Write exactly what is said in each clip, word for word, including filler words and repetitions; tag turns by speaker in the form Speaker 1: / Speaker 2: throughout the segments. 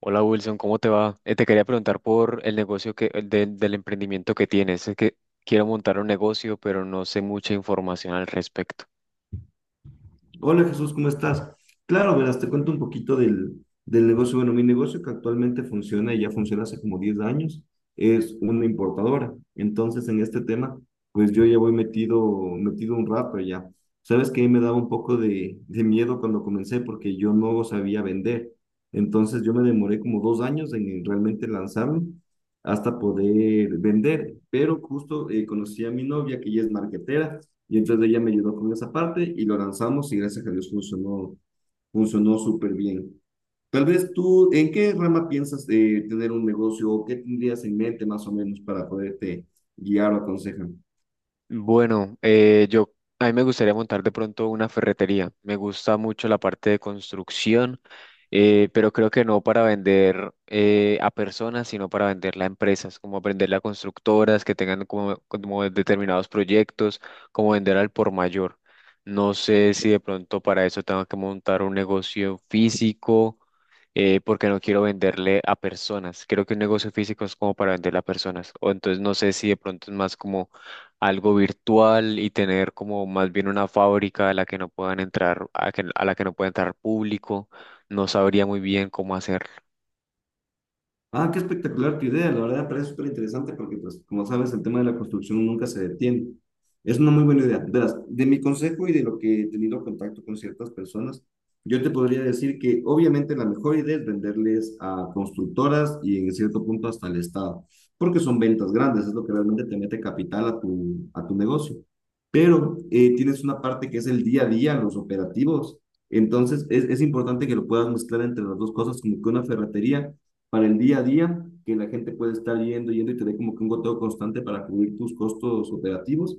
Speaker 1: Hola Wilson, ¿cómo te va? Eh, te quería preguntar por el negocio que, el del, del emprendimiento que tienes. Es que quiero montar un negocio, pero no sé mucha información al respecto.
Speaker 2: Hola Jesús, ¿cómo estás? Claro, verás, te cuento un poquito del, del negocio. Bueno, mi negocio que actualmente funciona y ya funciona hace como diez años es una importadora. Entonces, en este tema, pues yo ya voy metido, metido un rato ya. Sabes que me daba un poco de, de miedo cuando comencé porque yo no sabía vender. Entonces, yo me demoré como dos años en realmente lanzarlo hasta poder vender. Pero justo eh, conocí a mi novia que ella es marketera y entonces ella me ayudó con esa parte y lo lanzamos y gracias a Dios funcionó, funcionó súper bien. Tal vez tú, ¿en qué rama piensas eh, tener un negocio o qué tendrías en mente más o menos para poderte guiar o aconsejar?
Speaker 1: Bueno, eh, yo a mí me gustaría montar de pronto una ferretería. Me gusta mucho la parte de construcción, eh, pero creo que no para vender eh, a personas, sino para venderla a empresas, como venderla a constructoras que tengan como, como determinados proyectos, como vender al por mayor. No sé si de pronto para eso tengo que montar un negocio físico, eh, porque no quiero venderle a personas. Creo que un negocio físico es como para venderle a personas. O entonces no sé si de pronto es más como algo virtual y tener como más bien una fábrica a la que no puedan entrar, a, que- a la que no pueda entrar público, no sabría muy bien cómo hacerlo.
Speaker 2: Ah, qué espectacular tu idea, la verdad parece súper interesante porque, pues, como sabes, el tema de la construcción nunca se detiene. Es una muy buena idea. Verás, de mi consejo y de lo que he tenido contacto con ciertas personas, yo te podría decir que obviamente la mejor idea es venderles a constructoras y en cierto punto hasta al Estado, porque son ventas grandes, es lo que realmente te mete capital a tu, a tu negocio. Pero eh, tienes una parte que es el día a día, los operativos. Entonces, es, es importante que lo puedas mezclar entre las dos cosas, como que una ferretería para el día a día, que la gente puede estar yendo, yendo y tener como que un goteo constante para cubrir tus costos operativos.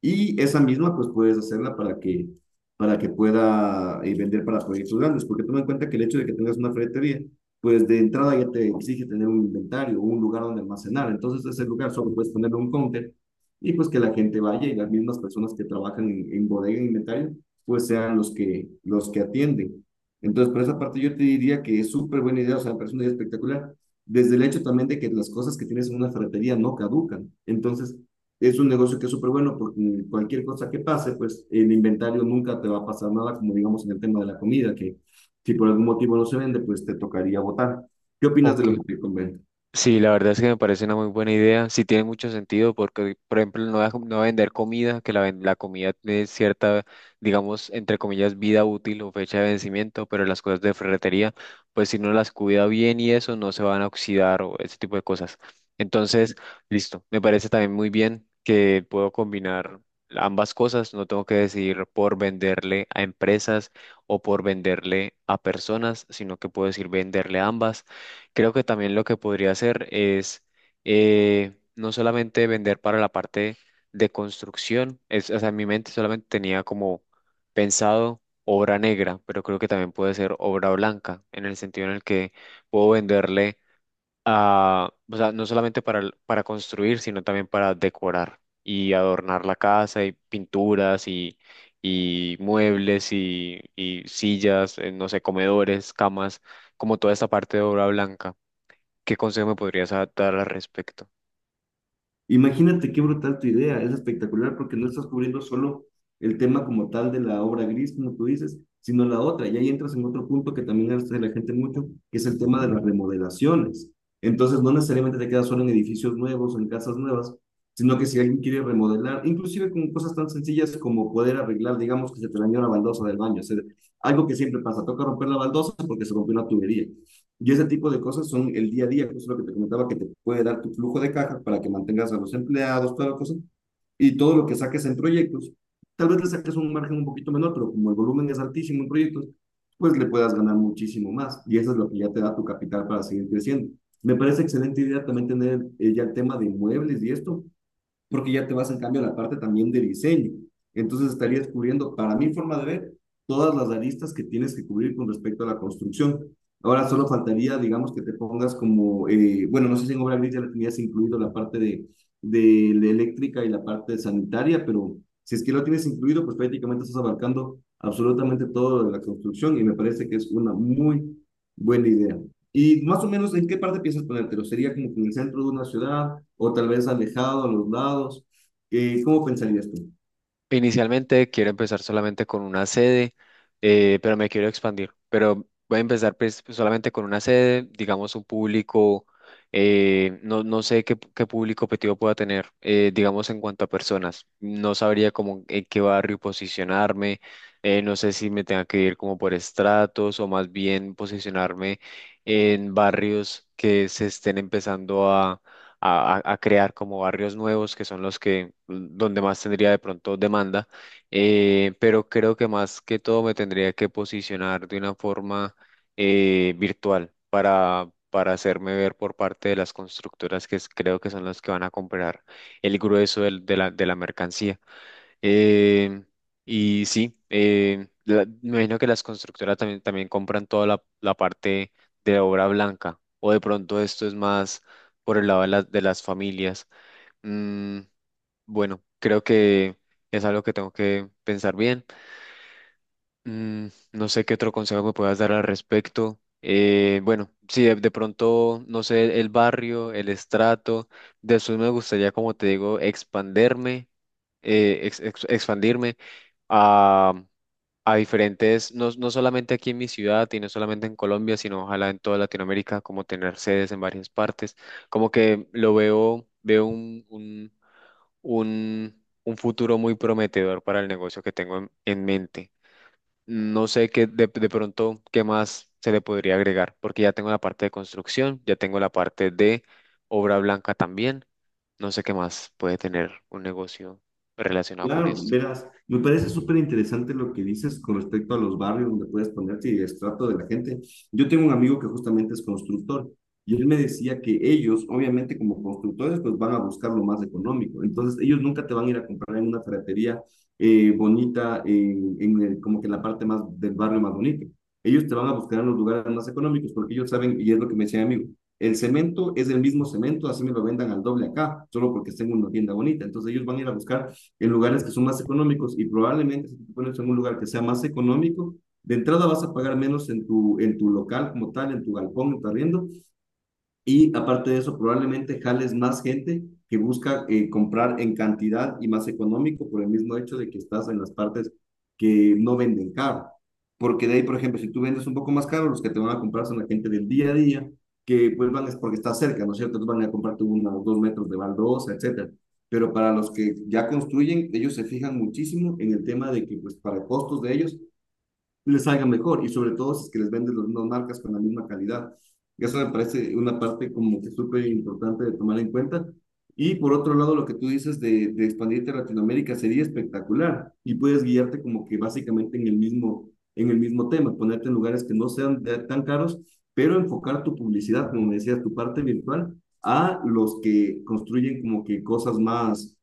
Speaker 2: Y esa misma, pues puedes hacerla para que, para que pueda eh, vender para proyectos grandes, porque toma en cuenta que el hecho de que tengas una ferretería, pues de entrada ya te exige tener un inventario, un lugar donde almacenar. Entonces, ese lugar solo puedes ponerle un counter y pues que la gente vaya y las mismas personas que trabajan en, en bodega, en inventario, pues sean los que, los que atienden. Entonces, por esa parte yo te diría que es súper buena idea, o sea, me parece una idea espectacular, desde el hecho también de que las cosas que tienes en una ferretería no caducan. Entonces, es un negocio que es súper bueno porque cualquier cosa que pase, pues el inventario nunca te va a pasar nada, como digamos en el tema de la comida, que si por algún motivo no se vende, pues te tocaría botar. ¿Qué opinas de
Speaker 1: Ok.
Speaker 2: lo que te convence?
Speaker 1: Sí, la verdad es que me parece una muy buena idea. Sí tiene mucho sentido porque, por ejemplo, no, va- no va a vender comida, que la, ven- la comida tiene cierta, digamos, entre comillas, vida útil o fecha de vencimiento, pero las cosas de ferretería, pues si no las cuida bien y eso, no se van a oxidar o ese tipo de cosas. Entonces, listo. Me parece también muy bien que puedo combinar ambas cosas. No tengo que decidir por venderle a empresas o por venderle a personas, sino que puedo decir venderle a ambas. Creo que también lo que podría hacer es eh, no solamente vender para la parte de construcción, es, o sea, en mi mente solamente tenía como pensado obra negra, pero creo que también puede ser obra blanca, en el sentido en el que puedo venderle a, o sea, no solamente para, el- para construir, sino también para decorar y adornar la casa y pinturas y, y muebles y, y sillas, eh, no sé, comedores, camas, como toda esta parte de obra blanca. ¿Qué consejo me podrías dar al respecto?
Speaker 2: Imagínate qué brutal tu idea, es espectacular porque no estás cubriendo solo el tema como tal de la obra gris, como tú dices, sino la otra. Y ahí entras en otro punto que también hace la gente mucho, que es el tema de las remodelaciones. Entonces, no necesariamente te quedas solo en edificios nuevos o en casas nuevas, sino que si alguien quiere remodelar, inclusive con cosas tan sencillas como poder arreglar, digamos que se te dañó la baldosa del baño, o sea, algo que siempre pasa, toca romper la baldosa porque se rompió una tubería. Y ese tipo de cosas son el día a día, que es lo que te comentaba, que te puede dar tu flujo de caja para que mantengas a los empleados, toda la cosa. Y todo lo que saques en proyectos, tal vez le saques un margen un poquito menor, pero como el volumen es altísimo en proyectos, pues le puedas ganar muchísimo más. Y eso es lo que ya te da tu capital para seguir creciendo. Me parece excelente idea también tener eh, ya el tema de inmuebles y esto, porque ya te vas en cambio a la parte también de diseño. Entonces estarías cubriendo, para mi forma de ver, todas las aristas que tienes que cubrir con respecto a la construcción. Ahora solo faltaría, digamos, que te pongas como, eh, bueno, no sé si en obra gris ya le tenías incluido la parte de, de la eléctrica y la parte sanitaria, pero si es que lo tienes incluido, pues prácticamente estás abarcando absolutamente todo de la construcción y me parece que es una muy buena idea. Y más o menos, ¿en qué parte piensas ponértelo? ¿Sería como que en el centro de una ciudad o tal vez alejado, a los lados? Eh, ¿cómo pensarías tú?
Speaker 1: Inicialmente quiero empezar solamente con una sede, eh, pero me quiero expandir. Pero voy a empezar pues, solamente con una sede, digamos un público, eh, no, no sé qué, qué público objetivo pueda tener, eh, digamos en cuanto a personas. No sabría cómo en qué barrio posicionarme, eh, no sé si me tenga que ir como por estratos o más bien posicionarme en barrios que se estén empezando a, a- a crear como barrios nuevos que son los que donde más tendría de pronto demanda, eh, pero creo que más que todo me tendría que posicionar de una forma eh, virtual para, para hacerme ver por parte de las constructoras que es- creo que son las que van a comprar el grueso del- de la, de la mercancía. Eh, y sí, eh, la- me imagino que las constructoras también, también compran toda la, la parte de la obra blanca, o de pronto esto es más por el lado de, las de las familias. Mm, bueno, creo que es algo que tengo que pensar bien. Mm, no sé qué otro consejo me puedas dar al respecto. Eh, bueno, sí, de, de pronto, no sé, el barrio, el estrato. Después me gustaría, como te digo, expanderme, eh, ex- ex- expandirme a, a diferentes, no, no solamente aquí en mi ciudad y no solamente en Colombia, sino ojalá en toda Latinoamérica, como tener sedes en varias partes. Como que lo veo, veo un, un, un, un futuro muy prometedor para el negocio que tengo en en mente. No sé qué de, de pronto qué más se le podría agregar, porque ya tengo la parte de construcción, ya tengo la parte de obra blanca también. No sé qué más puede tener un negocio relacionado con
Speaker 2: Claro,
Speaker 1: esto.
Speaker 2: verás, me parece súper interesante lo que dices con respecto a los barrios donde puedes ponerte y el estrato de la gente. Yo tengo un amigo que justamente es constructor y él me decía que ellos, obviamente como constructores, pues van a buscar lo más económico. Entonces, ellos nunca te van a ir a comprar en una ferretería eh, bonita, en, en el- como que en la parte más del barrio más bonito. Ellos te van a buscar en los lugares más económicos porque ellos saben, y es lo que me decía mi amigo, el cemento es el mismo cemento, así me lo vendan al doble acá, solo porque tengo una tienda bonita. Entonces, ellos van a ir a buscar en lugares que son más económicos y probablemente si te pones en un lugar que sea más económico, de entrada vas a pagar menos en tu, en tu local como tal, en tu galpón, en tu arriendo, y aparte de eso, probablemente jales más gente que busca eh, comprar en cantidad y más económico por el mismo hecho de que estás en las partes que no venden caro. Porque de ahí, por ejemplo, si tú vendes un poco más caro, los que te van a comprar son la gente del día a día, que pues van es porque está cerca, ¿no es cierto? Entonces van a comprarte unos dos metros de baldosa, etcétera. Pero para los que ya construyen, ellos se fijan muchísimo en el tema de que, pues, para costos de ellos, les salga mejor y sobre todo si es que les venden las mismas marcas con la misma calidad. Eso me parece una parte como que súper importante de tomar en cuenta. Y por otro lado, lo que tú dices de, de expandirte a Latinoamérica sería espectacular y puedes guiarte como que básicamente en el mismo, en el mismo tema, ponerte en lugares que no sean de- tan caros, pero enfocar tu publicidad, como me decías, tu parte virtual a los que construyen como que cosas más,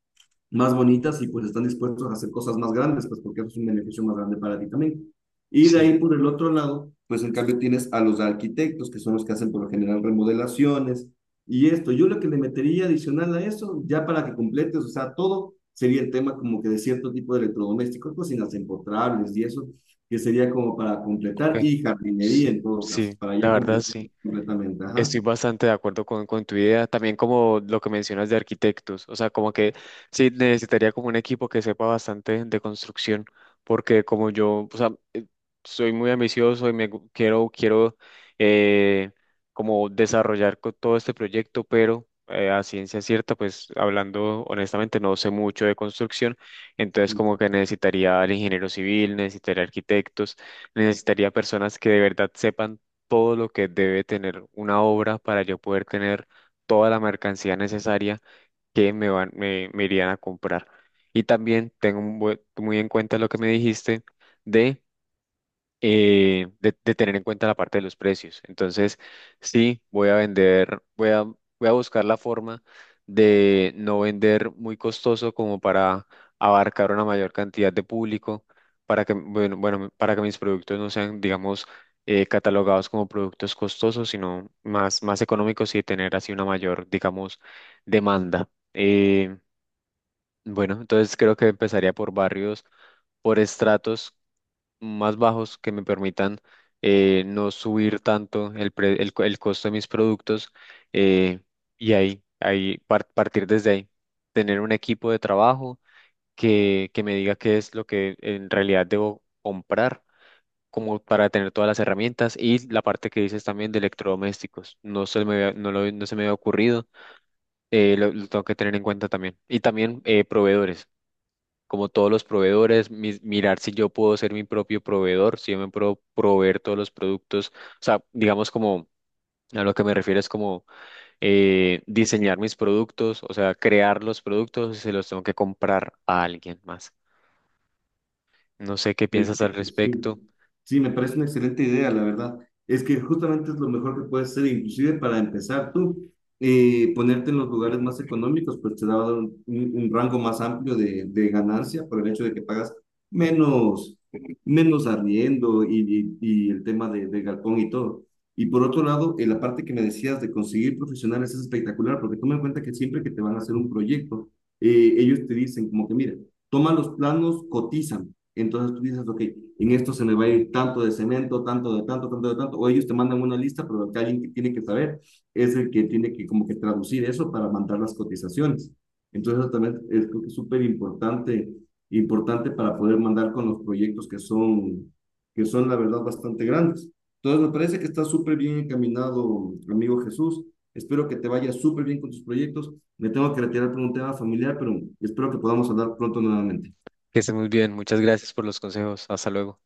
Speaker 2: más bonitas y pues están dispuestos a hacer cosas más grandes, pues porque eso es un beneficio más grande para ti también. Y de
Speaker 1: Sí,
Speaker 2: ahí por el otro lado, pues en cambio tienes a los arquitectos, que son los que hacen por lo general remodelaciones y esto. Yo lo que le metería adicional a eso, ya para que completes, o sea, todo sería el tema como que de cierto tipo de electrodomésticos, cocinas empotrables y eso, que sería como para
Speaker 1: ok.
Speaker 2: completar y jardinería
Speaker 1: Sí,
Speaker 2: en todo
Speaker 1: sí,
Speaker 2: caso, para
Speaker 1: la
Speaker 2: ya
Speaker 1: verdad
Speaker 2: completar
Speaker 1: sí.
Speaker 2: completamente. Ajá.
Speaker 1: Estoy bastante de acuerdo con, con tu idea, también como lo que mencionas de arquitectos, o sea, como que sí necesitaría como un equipo que sepa bastante de construcción, porque como yo, o sea, eh, soy muy ambicioso y me gu- quiero, quiero eh, como desarrollar co- todo este proyecto, pero eh, a ciencia cierta, pues hablando honestamente, no sé mucho de construcción, entonces como que necesitaría al ingeniero civil, necesitaría arquitectos, necesitaría personas que de verdad sepan todo lo que debe tener una obra para yo poder tener toda la mercancía necesaria que me van, me, me irían a comprar. Y también tengo un bue- muy en cuenta lo que me dijiste de eh, de, de tener en cuenta la parte de los precios. Entonces, sí, voy a vender, voy a, voy a buscar la forma de no vender muy costoso como para abarcar una mayor cantidad de público, para que, bueno, bueno, para que mis productos no sean, digamos, eh, catalogados como productos costosos, sino más, más económicos y tener así una mayor, digamos, demanda. Eh, bueno, entonces creo que empezaría por barrios, por estratos más bajos que me permitan eh, no subir tanto el, pre- el, co- el costo de mis productos eh, y ahí, ahí par- partir desde ahí, tener un equipo de trabajo que, que me diga qué es lo que en realidad debo comprar como para tener todas las herramientas y la parte que dices también de electrodomésticos. No se me había- no lo- no se me había ocurrido, eh, lo, lo tengo que tener en cuenta también. Y también eh, proveedores como todos los proveedores, mis- mirar si yo puedo ser mi propio proveedor, si yo me puedo proveer todos los productos, o sea, digamos como a lo que me refiero es como eh, diseñar mis productos, o sea, crear los productos y se los tengo que comprar a alguien más. No sé qué piensas al
Speaker 2: Perfecto, sí.
Speaker 1: respecto.
Speaker 2: Sí, me parece una excelente idea, la verdad. Es que justamente es lo mejor que puedes hacer, inclusive para empezar tú, eh, ponerte en los lugares más económicos, pues te da un, un- un rango más amplio de, de ganancia por el hecho de que pagas menos, menos arriendo y, y, y el tema de, del galpón y todo. Y por otro lado, en la parte que me decías de conseguir profesionales es espectacular, porque toma en cuenta que siempre que te van a hacer un proyecto, eh, ellos te dicen como que, mira, toma los planos, cotiza entonces tú dices, ok, en esto se le va a ir tanto de cemento, tanto de tanto, tanto de tanto, o ellos te mandan una lista, pero el que alguien que tiene que saber es el que tiene que como que traducir eso para mandar las cotizaciones. Entonces eso también es creo que es súper importante, importante para poder mandar con los proyectos que son, que son la verdad bastante grandes. Entonces me parece que está súper bien encaminado, amigo Jesús. Espero que te vaya súper bien con tus proyectos. Me tengo que retirar por un tema familiar, pero espero que podamos hablar pronto nuevamente.
Speaker 1: Que estés muy bien. Muchas gracias por los consejos. Hasta luego.